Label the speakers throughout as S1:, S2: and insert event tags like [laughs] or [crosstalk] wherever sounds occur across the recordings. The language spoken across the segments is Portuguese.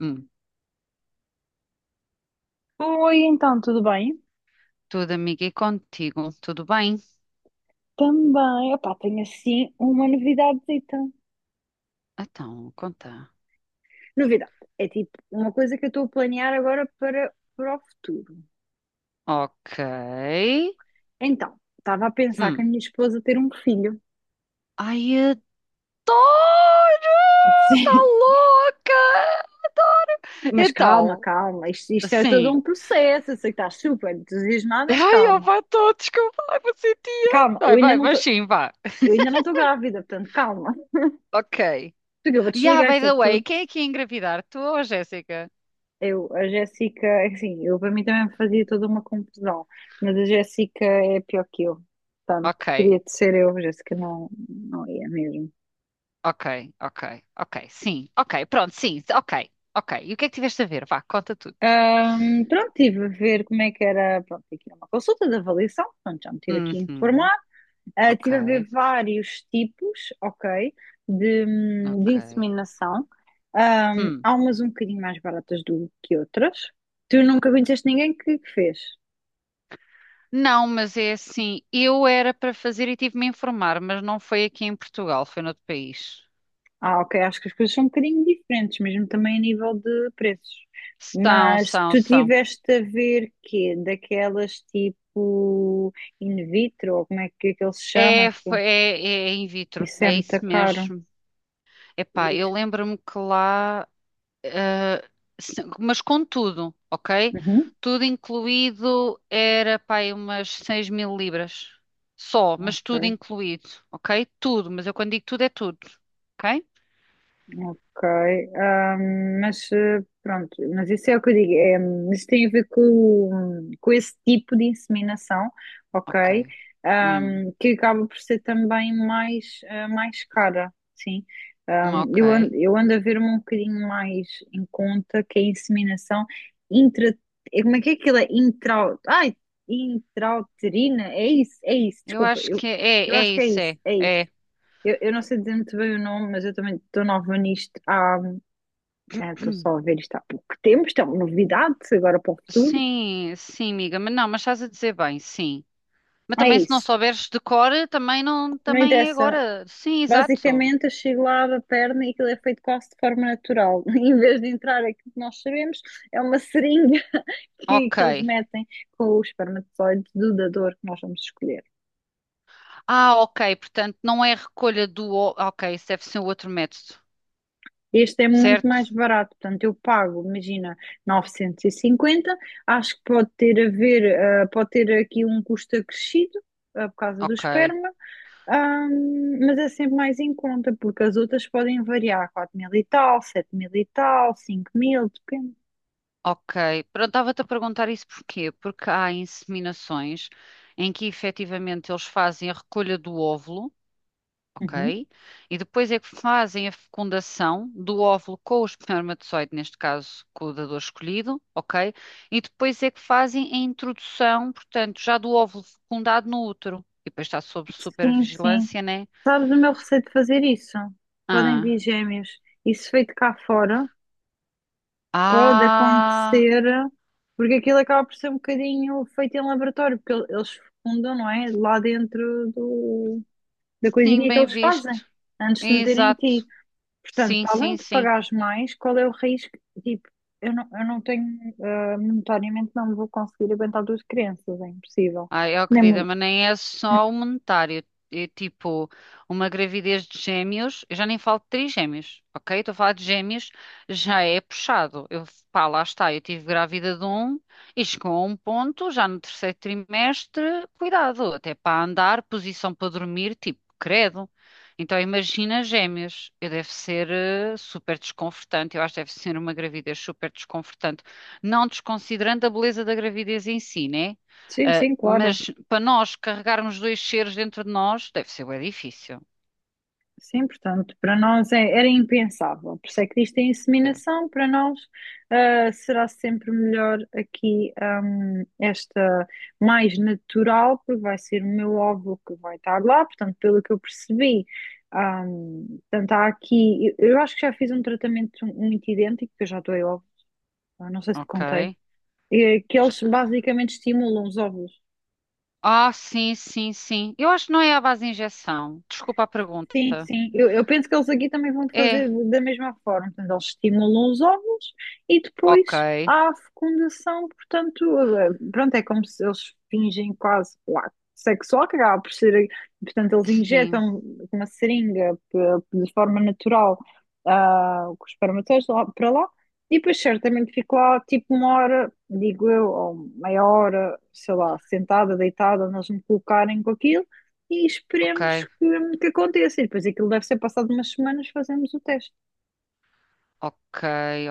S1: Hum,
S2: Oi, então, tudo bem?
S1: tudo, amiga, e contigo, tudo bem?
S2: Também, opá, tenho assim uma novidadezita.
S1: Então, conta.
S2: Novidade, é tipo uma coisa que eu estou a planear agora para o futuro.
S1: Ok.
S2: Então, estava a pensar que
S1: Hum.
S2: a minha esposa ter um filho.
S1: Ai, adoro!
S2: [laughs]
S1: Tá
S2: Sim,
S1: louca! Adoro!
S2: mas calma,
S1: Então,
S2: calma, isto é todo
S1: sim.
S2: um processo, eu sei que estás super entusiasmada, mas
S1: Ai, ó,
S2: calma.
S1: vá, tô, desculpa, ai, vou ser tia.
S2: Calma,
S1: Vai, vai, mas sim, vá.
S2: eu ainda não estou grávida, portanto, calma.
S1: Ok.
S2: Porque eu vou
S1: Yeah,
S2: desligar
S1: by
S2: isto é
S1: the way,
S2: tudo.
S1: quem é que ia engravidar? Tu ou a Jéssica?
S2: Eu, a Jéssica, é assim, eu para mim também me fazia toda uma confusão, mas a Jéssica é pior que eu. Portanto,
S1: Ok,
S2: teria de ser eu, a Jéssica não, não ia mesmo.
S1: ok, ok, ok, sim, ok, pronto, sim, ok, ok. E o que é que tiveste a ver? Vá, conta tudo.
S2: Pronto, estive a ver como é que era, pronto, aqui era uma consulta de avaliação, pronto, já me tive aqui a
S1: Uhum.
S2: informar.
S1: Ok,
S2: Estive a ver vários tipos, ok, de
S1: ok.
S2: inseminação.
S1: Hum.
S2: Há umas um bocadinho mais baratas do que outras. Tu nunca conheceste ninguém que fez?
S1: Não, mas é assim, eu era para fazer e tive-me a informar, mas não foi aqui em Portugal, foi noutro país.
S2: Ok. Acho que as coisas são um bocadinho diferentes, mesmo também a nível de preços.
S1: São,
S2: Mas
S1: são,
S2: tu
S1: são.
S2: tiveste a ver quê? Daquelas tipo in vitro, ou é que ele se chama
S1: É,
S2: aqui?
S1: é in vitro,
S2: Isso é
S1: é
S2: muito
S1: isso
S2: caro.
S1: mesmo. Epá, eu
S2: Isso.
S1: lembro-me que lá, eh, mas com tudo, ok?
S2: Uhum.
S1: Tudo incluído era, pá, aí umas 6000 libras. Só, mas tudo
S2: Ok.
S1: incluído, ok? Tudo, mas eu quando digo tudo é tudo, ok?
S2: Ok, ah, mas pronto, mas isso é o que eu digo, é, mas tem a ver com, esse tipo de inseminação,
S1: Ok.
S2: ok. Ah,
S1: Hum,
S2: que acaba por ser também mais cara, sim.
S1: ok.
S2: Eu ando a ver-me um bocadinho mais em conta que a inseminação intra, como é que é aquilo? É intrauterina, é isso,
S1: Eu
S2: desculpa,
S1: acho que
S2: eu
S1: é
S2: acho que é
S1: isso,
S2: isso,
S1: é,
S2: é isso.
S1: é.
S2: Eu não sei dizer muito bem o nome, mas eu também estou nova nisto há. É, estou só a ver isto há pouco tempo, isto é uma novidade, agora para o futuro.
S1: Sim, sim, amiga, mas não, mas estás a dizer bem, sim. Mas
S2: É
S1: também se não
S2: isso,
S1: souberes de cor, também não,
S2: não
S1: também é
S2: interessa.
S1: agora. Sim, exato.
S2: Basicamente, eu chego lá, abro a perna e aquilo é feito quase de forma natural. [laughs] Em vez de entrar aquilo que nós sabemos, é uma seringa [laughs] que,
S1: Ok.
S2: que eles metem com o espermatozoide do dador que nós vamos escolher.
S1: Ah, ok, portanto não é recolha do. Ok, isso deve ser o outro método,
S2: Este é muito
S1: certo?
S2: mais barato, portanto, eu pago, imagina, 950. Acho que pode ter a ver, pode ter aqui um custo acrescido, por causa do
S1: Ok,
S2: esperma, mas é sempre mais em conta, porque as outras podem variar, 4 mil e tal, 7 mil e tal, 5 mil, depende.
S1: ok. Pronto, estava-te a perguntar isso porquê? Porque há inseminações em que efetivamente eles fazem a recolha do óvulo,
S2: Uhum.
S1: ok? E depois é que fazem a fecundação do óvulo com o espermatozoide, neste caso com o dador escolhido, ok? E depois é que fazem a introdução, portanto, já do óvulo fecundado no útero. E depois está sob
S2: Sim, sim.
S1: supervigilância, né?
S2: Sabes o meu receio de fazer isso? Podem vir
S1: Ah,
S2: gêmeos. Isso feito cá fora, pode
S1: ah,
S2: acontecer, porque aquilo acaba por ser um bocadinho feito em laboratório, porque eles fundam, não é? Lá dentro da
S1: sim,
S2: coisinha que
S1: bem
S2: eles fazem,
S1: visto.
S2: antes de meterem em ti.
S1: Exato.
S2: Portanto,
S1: Sim,
S2: para além
S1: sim,
S2: de
S1: sim.
S2: pagares mais, qual é o risco? Tipo, eu não tenho, monetariamente não vou conseguir aguentar duas crianças, é impossível.
S1: Ai, ó
S2: Nem,
S1: querida,
S2: mon-
S1: mas nem é só o monetário. É tipo, uma gravidez de gêmeos, eu já nem falo de trigêmeos, ok? Estou a falar de gêmeos, já é puxado. Eu, pá, lá está, eu tive grávida de um e chegou a um ponto, já no terceiro trimestre, cuidado, até para andar, posição para dormir, tipo, credo. Então imagina gêmeos, eu deve ser super desconfortante, eu acho que deve ser uma gravidez super desconfortante, não desconsiderando a beleza da gravidez em si, né?
S2: Sim,
S1: Ah,
S2: sim, claro.
S1: mas para nós carregarmos dois seres dentro de nós, deve ser bem difícil.
S2: Sim, portanto, para nós era impensável. Por isso é que isto é
S1: Certo.
S2: inseminação, para nós será sempre melhor aqui, esta mais natural, porque vai ser o meu óvulo que vai estar lá. Portanto, pelo que eu percebi, portanto, há aqui, eu acho que já fiz um tratamento muito idêntico, que eu já doei óvulo, não sei se te
S1: Ok.
S2: contei, que eles
S1: Já-
S2: basicamente estimulam os óvulos.
S1: Ah, sim, sim, sim. Eu acho que não é à base de injeção. Desculpa a
S2: Sim,
S1: pergunta.
S2: sim. Eu penso que eles aqui também vão fazer
S1: É.
S2: da mesma forma. Portanto, eles estimulam os óvulos e
S1: Ok.
S2: depois há a fecundação. Portanto, pronto, é como se eles fingem quase lá, sexo oral, que acaba por ser. Portanto, eles
S1: Sim.
S2: injetam uma seringa de forma natural, com os espermatozoides lá, para lá, e depois certamente fico lá tipo uma hora, digo eu, ou meia hora, sei lá, sentada, deitada, nós me colocarem com aquilo e esperemos
S1: Ok.
S2: que aconteça. E depois aquilo deve ser passado umas semanas, fazemos o teste.
S1: Ok,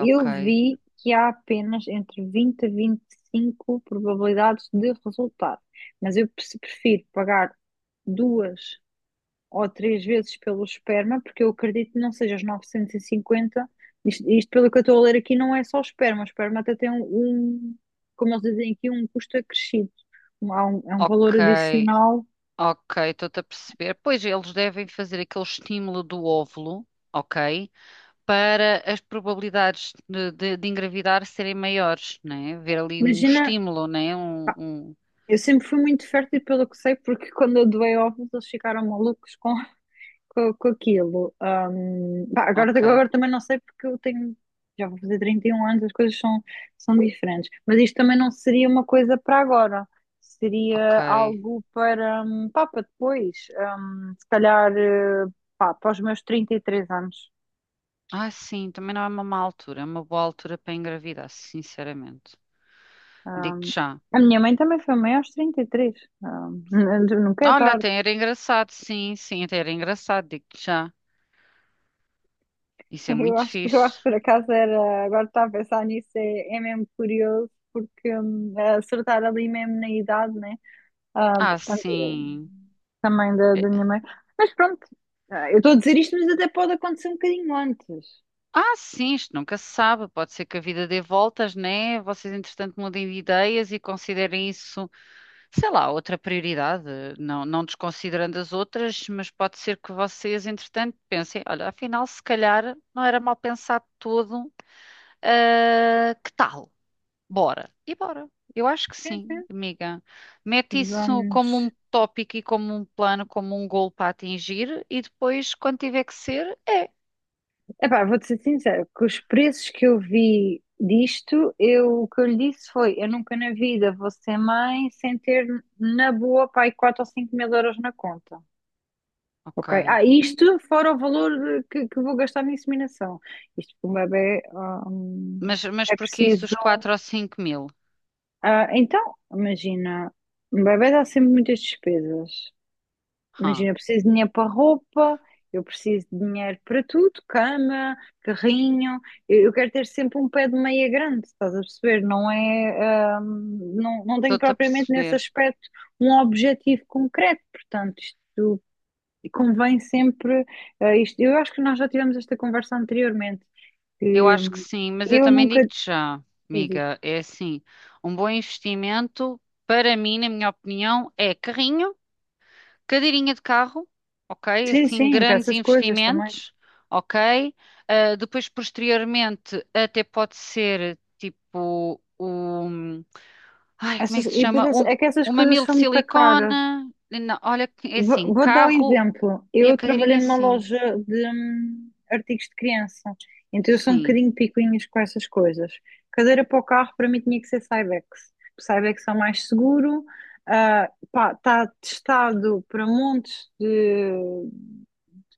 S1: ok.
S2: vi que há apenas entre 20 a 25 probabilidades de resultado, mas eu prefiro pagar duas ou três vezes pelo esperma, porque eu acredito que não seja os 950. Isto pelo que eu estou a ler aqui, não é só o esperma. O esperma até tem como eles dizem aqui, um custo acrescido. É um valor
S1: Ok.
S2: adicional.
S1: Ok, estou-te a perceber. Pois eles devem fazer aquele estímulo do óvulo, ok? Para as probabilidades de engravidar serem maiores, né? Ver ali um
S2: Imagina.
S1: estímulo, né?
S2: Eu sempre fui muito fértil, pelo que sei, porque quando eu doei ovos eles ficaram malucos com, [laughs] com aquilo. Pá,
S1: Ok,
S2: agora também não sei porque eu tenho, já vou fazer 31 anos, as coisas são, são diferentes. Mas isto também não seria uma coisa para agora,
S1: ok.
S2: seria algo para, pá, para depois. Se calhar, pá, para os meus 33 anos.
S1: Ah, sim, também não é uma má altura, é uma boa altura para engravidar, sinceramente. Digo-te
S2: Ahm,
S1: já.
S2: a minha mãe também foi mãe aos 33. Nunca é
S1: Olha,
S2: tarde.
S1: até
S2: [laughs]
S1: era engraçado, sim, sim, até era engraçado, digo-te já.
S2: [laughs]
S1: Isso é muito
S2: Eu acho
S1: fixe.
S2: que por acaso era, agora estava a pensar nisso, é, é mesmo curioso, porque acertar ali mesmo na idade, né?
S1: Ah,
S2: Portanto,
S1: sim.
S2: também da minha
S1: É-
S2: mãe. Mas pronto, eu estou a dizer isto, mas até pode acontecer um bocadinho antes.
S1: Ah, sim, isto nunca se sabe. Pode ser que a vida dê voltas, né? Vocês, entretanto, mudem de ideias e considerem isso, sei lá, outra prioridade. Não, não desconsiderando as outras, mas pode ser que vocês, entretanto, pensem: olha, afinal, se calhar não era mal pensado todo. Ah, que tal? Bora. E bora. Eu acho que
S2: Sim,
S1: sim,
S2: sim.
S1: amiga. Mete isso
S2: Vamos.
S1: como um tópico e como um plano, como um gol para atingir, e depois, quando tiver que ser, é.
S2: Epá, vou-te ser sincera, que os preços que eu vi disto, eu, o que eu lhe disse foi: eu nunca na vida vou ser mãe sem ter, na boa, pai, 4 ou 5 mil euros na conta. Ok.
S1: Ok.
S2: Isto fora o valor, que vou gastar na inseminação. Isto para um bebê, hum,
S1: Mas
S2: é
S1: porquê isso
S2: preciso.
S1: dos 4 ou 5 mil?
S2: Então, imagina, um bebê dá sempre muitas despesas. Imagina,
S1: Hã,
S2: eu preciso de dinheiro para roupa, eu preciso de dinheiro para tudo, cama, carrinho. Eu quero ter sempre um pé de meia grande, estás a perceber? Não é, não, não tenho
S1: Estou-te a
S2: propriamente nesse
S1: perceber.
S2: aspecto um objetivo concreto. Portanto, isto. E convém sempre, isto, eu acho que nós já tivemos esta conversa anteriormente,
S1: Eu
S2: que
S1: acho que sim, mas eu
S2: eu
S1: também
S2: nunca
S1: digo-te já,
S2: dizes.
S1: amiga. É assim, um bom investimento, para mim, na minha opinião, é carrinho. Cadeirinha de carro, ok?
S2: Sim,
S1: Assim,
S2: sim, para
S1: grandes
S2: essas coisas também.
S1: investimentos, ok? Ah, depois, posteriormente, até pode ser tipo o. Ai, como é
S2: Essas,
S1: que se
S2: e
S1: chama?
S2: depois é
S1: Um,
S2: que essas
S1: um
S2: coisas
S1: mamilo de
S2: são muito
S1: silicone.
S2: caras.
S1: Não, olha, que é assim:
S2: Vou dar um
S1: carro
S2: exemplo.
S1: e a
S2: Eu trabalhei
S1: cadeirinha,
S2: numa
S1: sim.
S2: loja de artigos de criança, então eu sou um
S1: Sim,
S2: bocadinho picuinhas com essas coisas. Cadeira para o carro para mim tinha que ser Cybex. Cybex é o mais seguro, está testado para montes de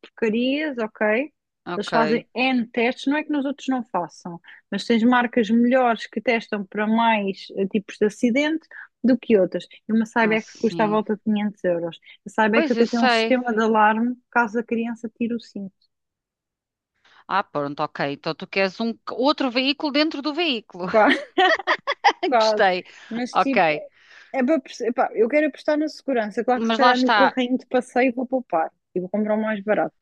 S2: porcarias, ok? Eles
S1: ok.
S2: fazem N testes, não é que nos outros não façam, mas tens marcas melhores que testam para mais tipos de acidente do que outras. E uma
S1: Ah,
S2: Cybex custa à
S1: sim.
S2: volta de 500 euros. A Cybex
S1: Pois eu
S2: até tem um
S1: sei.
S2: sistema de alarme caso a criança tire o cinto.
S1: Ah, pronto, ok. Então tu queres um outro veículo dentro do veículo.
S2: Quase, [laughs]
S1: [laughs]
S2: quase.
S1: Gostei.
S2: Mas tipo,
S1: Ok.
S2: é para, epá, eu quero apostar na segurança. Claro que se
S1: Mas lá
S2: calhar no
S1: está.
S2: carrinho de passeio vou poupar e vou comprar o mais barato.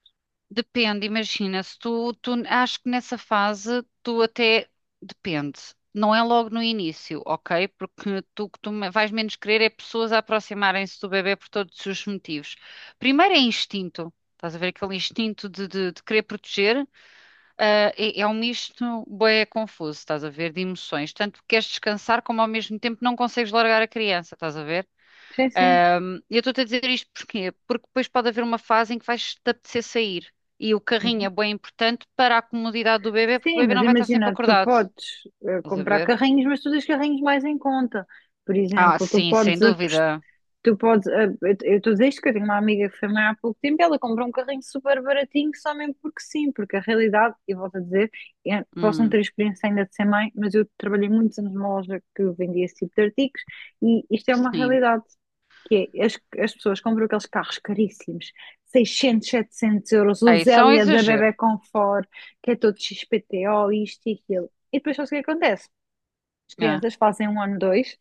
S1: Depende, imagina, se tu acho que nessa fase tu até depende. Não é logo no início, ok? Porque tu o que vais menos querer é pessoas a aproximarem-se do bebê por todos os motivos. Primeiro é instinto. Estás a ver aquele instinto de querer proteger? Ah, é um misto bué confuso, estás a ver, de emoções. Tanto queres descansar como ao mesmo tempo não consegues largar a criança, estás a ver?
S2: Sim, sim.
S1: E eu estou-te a dizer isto porquê? Porque depois pode haver uma fase em que vais-te apetecer sair. E o carrinho é bem importante para a comodidade do bebê, porque o
S2: Sim,
S1: bebê
S2: mas
S1: não vai estar sempre
S2: imagina, tu
S1: acordado.
S2: podes
S1: Estás a
S2: comprar
S1: ver?
S2: carrinhos, mas tu tens carrinhos mais em conta. Por
S1: Ah,
S2: exemplo, tu
S1: sim, sem
S2: podes apostar.
S1: dúvida.
S2: Tu podes, eu estou a dizer isto que eu tenho uma amiga que foi mãe há pouco tempo e ela comprou um carrinho super baratinho só mesmo porque sim, porque a realidade, e volto a dizer, eu posso não ter
S1: Hum,
S2: experiência ainda de ser mãe, mas eu trabalhei muitos anos numa loja que vendia esse tipo de artigos e isto é uma
S1: sim.
S2: realidade, que é, as pessoas compram aqueles carros caríssimos, 600, 700 euros, o
S1: Ah, isso é um
S2: Zélia da
S1: exagero.
S2: Bebé Conforto, que é todo XPTO, isto e aquilo. E depois só o que é acontece. As
S1: Ah.
S2: crianças fazem um ano, dois,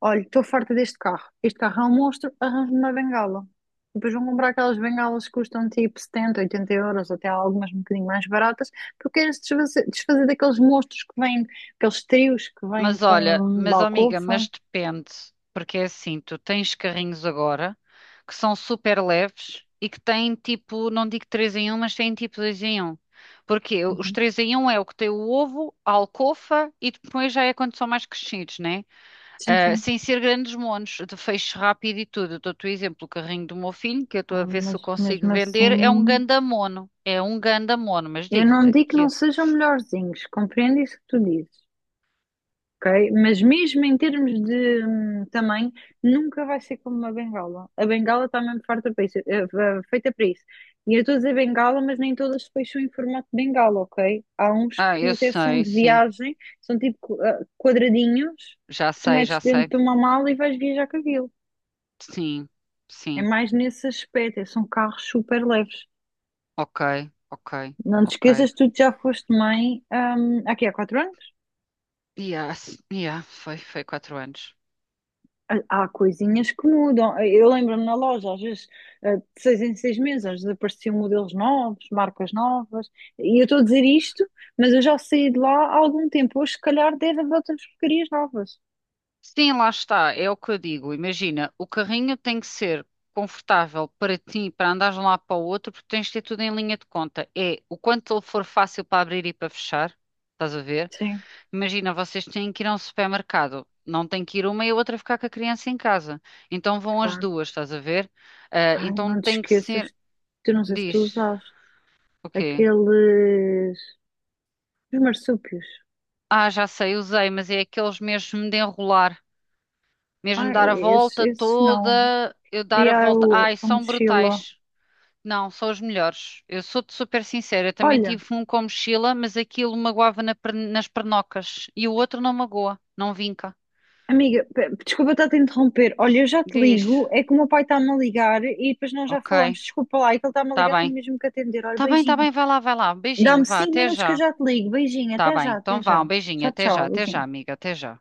S2: olha, estou farta deste carro, este carro é um monstro, arranjo-me uma bengala. E depois vão comprar aquelas bengalas que custam tipo 70, oitenta euros, até algumas um bocadinho mais baratas, porque queres desfazer, desfazer daqueles monstros que vêm, aqueles trios que vêm
S1: Mas
S2: com
S1: olha,
S2: um
S1: mas ó, amiga,
S2: balcofa.
S1: mas depende, porque é assim, tu tens carrinhos agora que são super leves e que têm tipo, não digo 3 em 1, mas têm tipo 2 em 1. Porque os
S2: Uhum.
S1: 3 em 1 é o que tem o ovo, a alcofa e depois já é quando são mais crescidos, né?
S2: Sim,
S1: Ah,
S2: sim.
S1: sem ser grandes monos, de feixe rápido e tudo. Eu dou-te o exemplo, o carrinho do meu filho, que eu estou a ver se
S2: Mas
S1: eu consigo
S2: mesmo
S1: vender, é um
S2: assim,
S1: ganda mono. É um ganda mono, mas
S2: eu não
S1: digo-te
S2: digo que não
S1: que.
S2: sejam melhorzinhos, compreendo isso que tu dizes, ok? Mas mesmo em termos de tamanho, nunca vai ser como uma bengala. A bengala está mesmo farta para isso, feita para isso. E eu estou a dizer bengala, mas nem todas depois são em formato de bengala, ok? Há uns
S1: Ah,
S2: que
S1: eu
S2: até são
S1: sei,
S2: de
S1: sim.
S2: viagem, são tipo quadradinhos
S1: Já
S2: que tu
S1: sei,
S2: metes
S1: já
S2: dentro
S1: sei.
S2: de uma mala e vais viajar com aquilo.
S1: Sim,
S2: É
S1: sim.
S2: mais nesse aspecto, é, são carros super leves.
S1: Ok, ok,
S2: Não te
S1: ok.
S2: esqueças, tu já foste mãe, aqui há 4 anos?
S1: Yeah, foi 4 anos.
S2: Há coisinhas que mudam. Eu lembro-me na loja, às vezes, de 6 em 6 meses, às vezes apareciam modelos novos, marcas novas. E eu estou a dizer isto, mas eu já saí de lá há algum tempo. Hoje, se calhar, deve haver outras porcarias novas.
S1: Sim, lá está, é o que eu digo. Imagina, o carrinho tem que ser confortável para ti, para andares de um lado para o outro, porque tens de ter tudo em linha de conta. É o quanto ele for fácil para abrir e para fechar, estás a ver?
S2: Sim,
S1: Imagina, vocês têm que ir a um supermercado. Não tem que ir uma e a outra ficar com a criança em casa. Então vão as
S2: claro.
S1: duas, estás a ver? Ah,
S2: Ai,
S1: então
S2: não te
S1: tem que ser.
S2: esqueças. Tu não sei se tu
S1: Diz,
S2: usaste
S1: o quê?
S2: aqueles. Os marsúpios.
S1: Ah, já sei, usei, mas é aqueles mesmo de enrolar, mesmo
S2: Ai,
S1: dar a
S2: esses,
S1: volta
S2: esses não.
S1: toda, eu dar a
S2: Queria
S1: volta. Ai,
S2: a
S1: são
S2: mochila.
S1: brutais. Não, são os melhores. Eu sou-te super sincera, eu também
S2: Olha.
S1: tive um com mochila, mas aquilo magoava na nas pernocas e o outro não magoa, não vinca.
S2: Amiga, desculpa estar-te a te interromper. Olha, eu já te
S1: Diz,
S2: ligo. É que o meu pai está-me a ligar e depois nós já
S1: ok,
S2: falamos. Desculpa lá, é que ele está-me a
S1: tá
S2: ligar, tenho
S1: bem.
S2: mesmo que atender. Olha,
S1: Tá bem, tá
S2: beijinho.
S1: bem, vai lá, vai lá. Um beijinho,
S2: Dá-me
S1: vá,
S2: cinco
S1: até
S2: minutos que eu
S1: já.
S2: já te ligo. Beijinho,
S1: Tá
S2: até
S1: bem,
S2: já, até
S1: então vá,
S2: já.
S1: um beijinho,
S2: Tchau, tchau,
S1: até já,
S2: beijinho.
S1: amiga, até já.